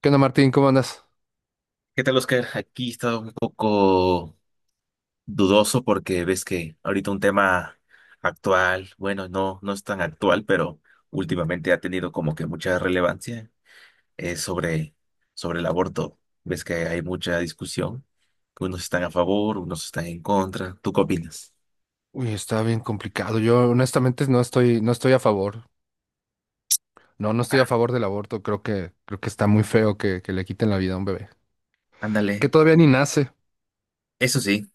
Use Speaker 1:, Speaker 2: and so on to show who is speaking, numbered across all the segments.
Speaker 1: ¿Qué onda, Martín? ¿Cómo andas?
Speaker 2: ¿Qué tal, Oscar? Aquí está un poco dudoso porque ves que ahorita un tema actual, bueno, no, no es tan actual, pero últimamente ha tenido como que mucha relevancia, es sobre, sobre el aborto. Ves que hay mucha discusión, que unos están a favor, unos están en contra. ¿Tú qué opinas?
Speaker 1: Uy, está bien complicado. Yo honestamente no estoy a favor. No, no estoy a
Speaker 2: Ah,
Speaker 1: favor del aborto. Creo que está muy feo que le quiten la vida a un bebé. Que
Speaker 2: ándale,
Speaker 1: todavía ni nace.
Speaker 2: eso sí.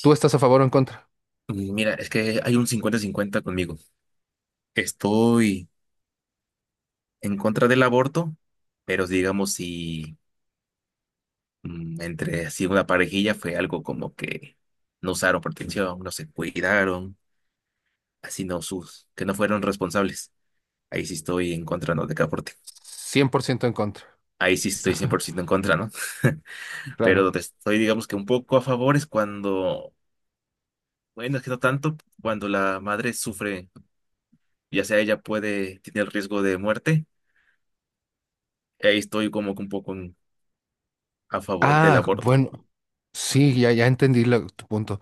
Speaker 1: ¿Tú estás a favor o en contra?
Speaker 2: Mira, es que hay un cincuenta-cincuenta conmigo. Estoy en contra del aborto, pero digamos si entre así una parejilla fue algo como que no usaron protección, no se cuidaron, así no sus, que no fueron responsables. Ahí sí estoy en contra, ¿no? De Caporte.
Speaker 1: 100% en contra.
Speaker 2: Ahí sí estoy 100% en contra, ¿no? Pero
Speaker 1: Claro.
Speaker 2: donde estoy, digamos que un poco a favor es cuando, bueno, es que no tanto, cuando la madre sufre, ya sea ella puede, tiene el riesgo de muerte, ahí estoy como que un poco a favor del
Speaker 1: Ah,
Speaker 2: aborto.
Speaker 1: bueno, sí, ya entendí tu punto.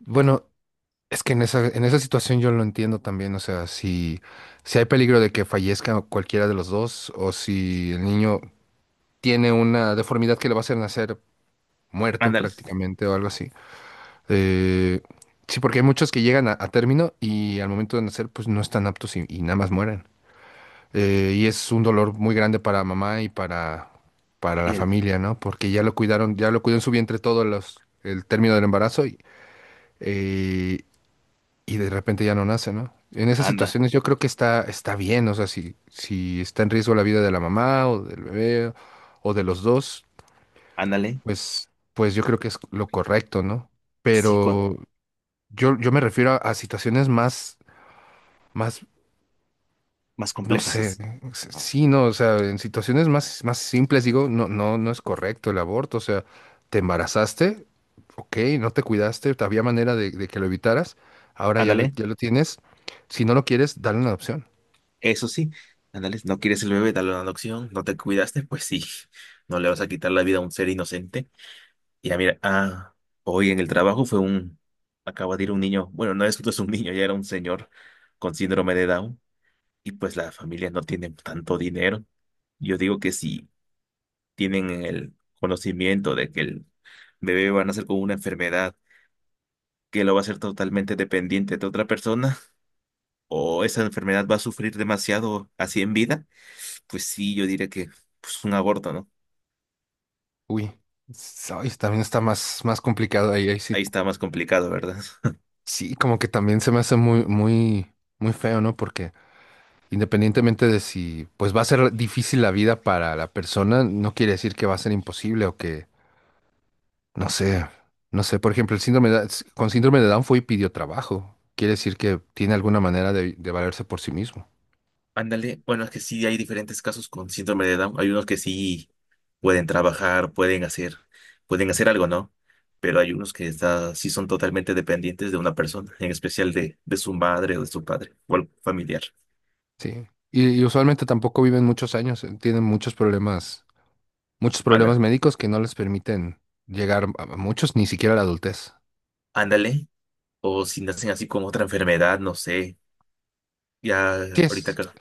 Speaker 1: Bueno, es que en esa situación yo lo entiendo también. O sea, si, si hay peligro de que fallezca cualquiera de los dos, o si el niño tiene una deformidad que le va a hacer nacer muerto
Speaker 2: Ándale.
Speaker 1: prácticamente o algo así. Eh, sí, porque hay muchos que llegan a término y al momento de nacer, pues no están aptos y nada más mueren. Y es un dolor muy grande para mamá y para la
Speaker 2: Y el,
Speaker 1: familia, ¿no? Porque ya lo cuidaron, ya lo cuidó en su vientre todo los, el término del embarazo eh, y de repente ya no nace, ¿no? En esas
Speaker 2: anda,
Speaker 1: situaciones yo creo que está bien, o sea, si, si está en riesgo la vida de la mamá o del bebé o de los dos,
Speaker 2: ándale.
Speaker 1: pues yo creo que es lo correcto, ¿no?
Speaker 2: Sí, cua-
Speaker 1: Pero yo me refiero a situaciones más, más,
Speaker 2: más
Speaker 1: no
Speaker 2: complejas
Speaker 1: sé,
Speaker 2: es.
Speaker 1: sí, no, o sea, en situaciones más, más simples digo, no, no, no es correcto el aborto, o sea, te embarazaste, ok, no te cuidaste, había manera de que lo evitaras, ahora ya
Speaker 2: Ándale.
Speaker 1: ya lo tienes, si no lo quieres, dale una adopción.
Speaker 2: Eso sí, ándale, no quieres el bebé, dale una adopción, no te cuidaste, pues sí, no le vas a quitar la vida a un ser inocente. Y ya mira, ah, hoy en el trabajo fue un, acaba de ir un niño, bueno, no es, no es un niño, ya era un señor con síndrome de Down, y pues la familia no tiene tanto dinero. Yo digo que si tienen el conocimiento de que el bebé va a nacer con una enfermedad que lo va a hacer totalmente dependiente de otra persona, o esa enfermedad va a sufrir demasiado así en vida. Pues sí, yo diría que pues un aborto, ¿no?
Speaker 1: Uy, ay, también está más, más complicado ahí, ahí sí,
Speaker 2: Ahí está más complicado, ¿verdad?
Speaker 1: sí, como que también se me hace muy, muy, muy feo, ¿no? Porque independientemente de si pues va a ser difícil la vida para la persona, no quiere decir que va a ser imposible o que, no sé, no sé, por ejemplo, el síndrome con síndrome de Down fue y pidió trabajo. Quiere decir que tiene alguna manera de valerse por sí mismo.
Speaker 2: Ándale, bueno, es que sí hay diferentes casos con síndrome de Down. Hay unos que sí pueden trabajar, pueden hacer algo, ¿no? Pero hay unos que está, sí son totalmente dependientes de una persona, en especial de su madre o de su padre o algún familiar.
Speaker 1: Sí. Y usualmente tampoco viven muchos años, tienen muchos
Speaker 2: Bueno,
Speaker 1: problemas médicos que no les permiten llegar a muchos, ni siquiera a la adultez.
Speaker 2: ándale, o si nacen así con otra enfermedad, no sé, ya
Speaker 1: Sí
Speaker 2: ahorita,
Speaker 1: es.
Speaker 2: creo-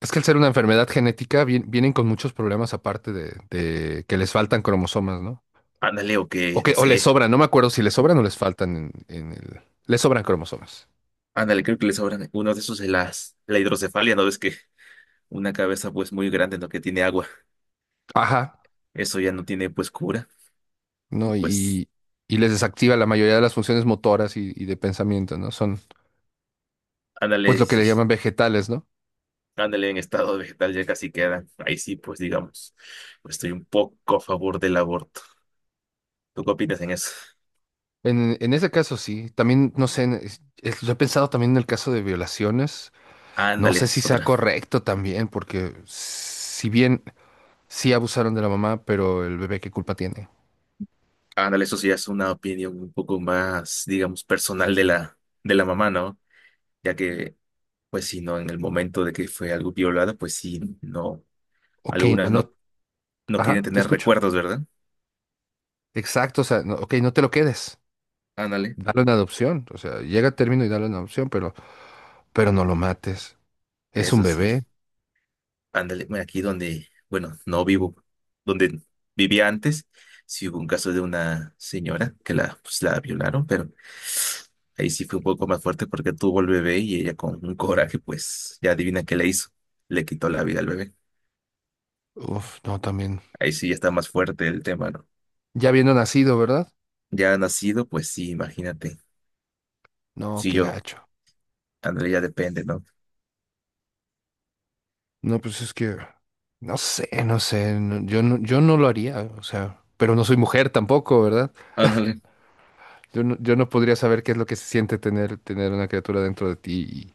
Speaker 1: Es que al ser una enfermedad genética vienen con muchos problemas aparte de que les faltan cromosomas, ¿no?
Speaker 2: ándale, o
Speaker 1: O
Speaker 2: que,
Speaker 1: que,
Speaker 2: no
Speaker 1: o les
Speaker 2: sé,
Speaker 1: sobran, no me acuerdo si les sobran o les faltan en el. Les sobran cromosomas.
Speaker 2: ándale, creo que les sobran, uno de esos es las, la hidrocefalia, ¿no ves que una cabeza pues muy grande, ¿no? Que tiene agua.
Speaker 1: Ajá,
Speaker 2: Eso ya no tiene pues cura. Y
Speaker 1: ¿no?
Speaker 2: pues
Speaker 1: Y les desactiva la mayoría de las funciones motoras y de pensamiento, ¿no? Son, pues,
Speaker 2: ándale,
Speaker 1: lo que
Speaker 2: sí,
Speaker 1: le
Speaker 2: sí,
Speaker 1: llaman vegetales, ¿no?
Speaker 2: ándale en estado vegetal ya casi queda. Ahí sí, pues digamos, pues, estoy un poco a favor del aborto. ¿Tú qué opinas en eso?
Speaker 1: En ese caso, sí. También, no sé, yo he pensado también en el caso de violaciones. No
Speaker 2: Ándale,
Speaker 1: sé si
Speaker 2: es
Speaker 1: sea
Speaker 2: otra.
Speaker 1: correcto también, porque si bien sí abusaron de la mamá, pero el bebé, ¿qué culpa tiene?
Speaker 2: Ándale, eso sí es una opinión un poco más, digamos, personal de la mamá, ¿no? Ya que, pues si no, en el momento de que fue algo violada, pues sí, no,
Speaker 1: Ok,
Speaker 2: algunas no,
Speaker 1: no,
Speaker 2: no quieren
Speaker 1: ajá, te
Speaker 2: tener
Speaker 1: escucho.
Speaker 2: recuerdos, ¿verdad?
Speaker 1: Exacto, o sea, no, ok, no te lo quedes.
Speaker 2: Ándale,
Speaker 1: Dalo en adopción. O sea, llega a término y dalo en adopción, pero no lo mates. Es un
Speaker 2: eso sí.
Speaker 1: bebé.
Speaker 2: Ándale, mira, aquí donde, bueno, no vivo, donde vivía antes, sí hubo un caso de una señora que la, pues, la violaron, pero ahí sí fue un poco más fuerte porque tuvo el bebé y ella con un coraje, pues ya adivina qué le hizo, le quitó la vida al bebé.
Speaker 1: Uf, no, también.
Speaker 2: Ahí sí ya está más fuerte el tema, ¿no?
Speaker 1: Ya viendo nacido, ¿verdad?
Speaker 2: Ya nacido, pues sí, imagínate.
Speaker 1: No,
Speaker 2: Si
Speaker 1: qué
Speaker 2: yo,
Speaker 1: gacho.
Speaker 2: ándale, ya depende, ¿no?
Speaker 1: No, pues es que, no sé, no sé, yo no, yo no lo haría, o sea, pero no soy mujer tampoco, ¿verdad?
Speaker 2: Ándale,
Speaker 1: Yo no, yo no podría saber qué es lo que se siente tener una criatura dentro de ti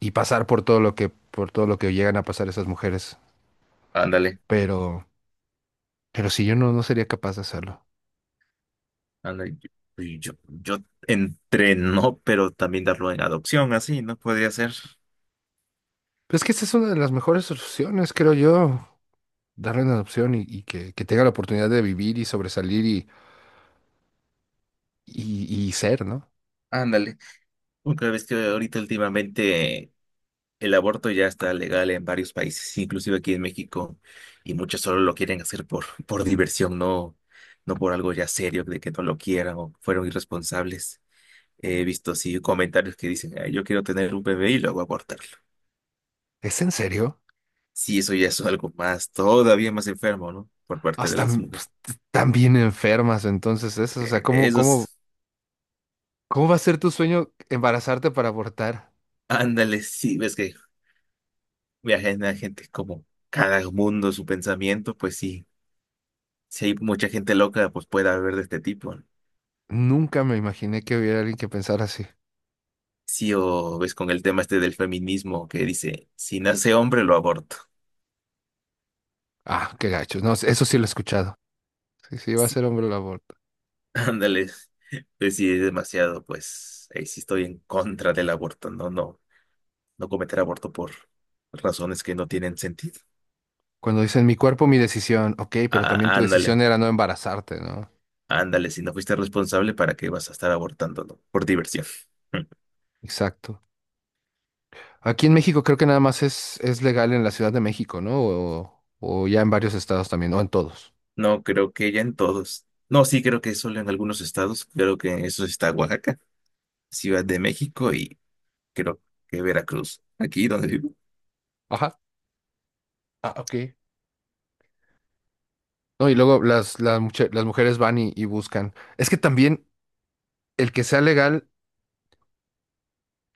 Speaker 1: y pasar por todo por todo lo que llegan a pasar esas mujeres.
Speaker 2: ándale,
Speaker 1: Pero. Pero si yo no, no sería capaz de hacerlo.
Speaker 2: ándale. Yo, yo entre no, pero también darlo en adopción, así, ¿no? Podría ser.
Speaker 1: Pero es que esa es una de las mejores soluciones, creo yo. Darle una adopción y que tenga la oportunidad de vivir y sobresalir y ser, ¿no?
Speaker 2: Ándale. Aunque ves que ahorita últimamente el aborto ya está legal en varios países, inclusive aquí en México, y muchos solo lo quieren hacer por, por diversión, no, no por algo ya serio, de que no lo quieran o fueron irresponsables. He visto así comentarios que dicen, "Ay, yo quiero tener un bebé y luego abortarlo.
Speaker 1: ¿Es en serio?
Speaker 2: Sí, eso ya es algo más, todavía más enfermo, ¿no? Por parte de
Speaker 1: Hasta
Speaker 2: las mujeres.
Speaker 1: pues, tan bien enfermas, entonces eso. O sea,
Speaker 2: Eh,
Speaker 1: ¿cómo, cómo,
Speaker 2: esos,
Speaker 1: cómo va a ser tu sueño embarazarte para abortar?
Speaker 2: ándale, sí, ves que viajan a gente como cada mundo su pensamiento, pues sí, si hay mucha gente loca, pues puede haber de este tipo. ¿No?
Speaker 1: Nunca me imaginé que hubiera alguien que pensara así.
Speaker 2: Sí, o ves con el tema este del feminismo que dice, si nace hombre, lo aborto.
Speaker 1: Ah, qué gacho. No, eso sí lo he escuchado. Sí, sí, va a
Speaker 2: Sí.
Speaker 1: ser hombre el aborto.
Speaker 2: Ándale, pues sí, es demasiado, pues ahí sí estoy en contra del aborto, no, no, no cometer aborto por razones que no tienen sentido.
Speaker 1: Cuando dicen mi cuerpo, mi decisión. Ok, pero también
Speaker 2: Ah,
Speaker 1: tu
Speaker 2: ándale,
Speaker 1: decisión era no embarazarte, ¿no?
Speaker 2: ándale, si no fuiste responsable, ¿para qué vas a estar abortando, no? Por diversión.
Speaker 1: Exacto. Aquí en México creo que nada más es legal en la Ciudad de México, ¿no? O ya en varios estados también, o en todos.
Speaker 2: No, creo que ya en todos. No, sí, creo que solo en algunos estados. Creo que eso sí está Oaxaca, Ciudad de México y creo que Veracruz, aquí donde vivo.
Speaker 1: Ajá. Ah, ok. No, y luego las mujeres van y buscan. Es que también el que sea legal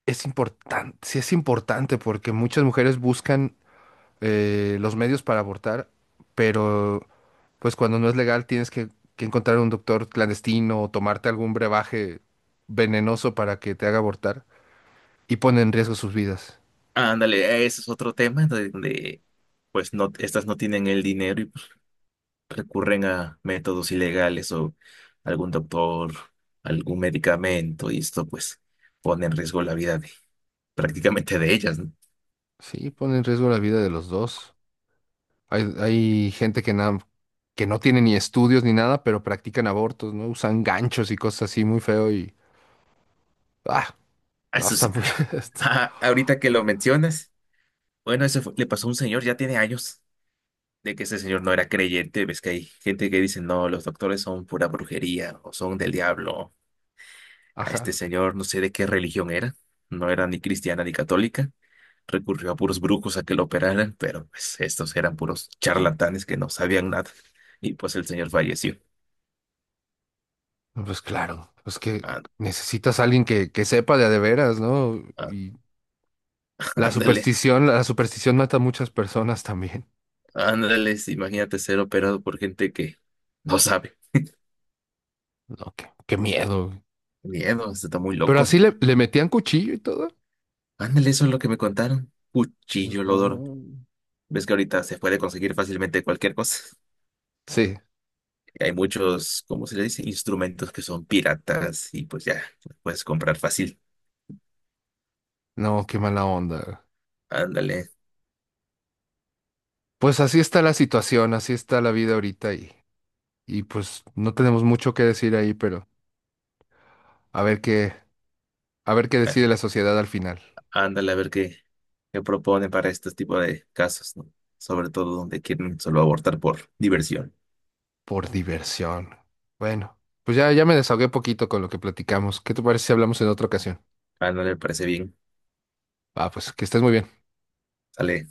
Speaker 1: es importante, sí es importante porque muchas mujeres buscan, los medios para abortar, pero pues cuando no es legal tienes que encontrar un doctor clandestino o tomarte algún brebaje venenoso para que te haga abortar y pone en riesgo sus vidas.
Speaker 2: Ándale, ese es otro tema pues no, estas no tienen el dinero y pues, recurren a métodos ilegales o algún doctor, algún medicamento y esto pues pone en riesgo la vida de prácticamente de ellas, ¿no?
Speaker 1: Sí, pone en riesgo la vida de los dos. Hay gente que, que no tiene ni estudios ni nada, pero practican abortos, ¿no? Usan ganchos y cosas así muy feo y... Ah,
Speaker 2: Ah,
Speaker 1: no,
Speaker 2: eso
Speaker 1: está
Speaker 2: sí,
Speaker 1: muy... está-
Speaker 2: ah, ahorita que lo mencionas, bueno, eso fue- le pasó a un señor, ya tiene años de que ese señor no era creyente, ves que hay gente que dice, no, los doctores son pura brujería o son del diablo. A este
Speaker 1: Ajá.
Speaker 2: señor no sé de qué religión era, no era ni cristiana ni católica, recurrió a puros brujos a que lo operaran, pero pues estos eran puros charlatanes que no sabían nada y pues el señor falleció.
Speaker 1: No, pues claro, pues que
Speaker 2: Á-
Speaker 1: necesitas a alguien que sepa de a de veras, ¿no?
Speaker 2: á-
Speaker 1: Y
Speaker 2: Ándale,
Speaker 1: la superstición mata a muchas personas también.
Speaker 2: ándale, sí, imagínate ser operado por gente que no sabe.
Speaker 1: No, qué, qué miedo, güey.
Speaker 2: Miedo, esto está muy
Speaker 1: Pero
Speaker 2: loco.
Speaker 1: así le, le metían cuchillo y todo.
Speaker 2: Ándale, eso es lo que me contaron. Cuchillo Lodoro.
Speaker 1: No.
Speaker 2: Ves que ahorita se puede conseguir fácilmente cualquier cosa.
Speaker 1: Sí,
Speaker 2: Y hay muchos, ¿cómo se le dice? Instrumentos que son piratas y pues ya, los puedes comprar fácil.
Speaker 1: no, qué mala onda.
Speaker 2: Ándale,
Speaker 1: Pues así está la situación, así está la vida ahorita y pues no tenemos mucho que decir ahí, pero a ver qué, a ver qué
Speaker 2: a-
Speaker 1: decide la sociedad al final.
Speaker 2: ándale a ver qué, qué propone para este tipo de casos, ¿no? Sobre todo donde quieren solo abortar por diversión.
Speaker 1: Por diversión. Bueno, pues ya, ya me desahogué poquito con lo que platicamos. ¿Qué te parece si hablamos en otra ocasión?
Speaker 2: Ándale, me parece bien.
Speaker 1: Ah, pues que estés muy bien.
Speaker 2: Sale.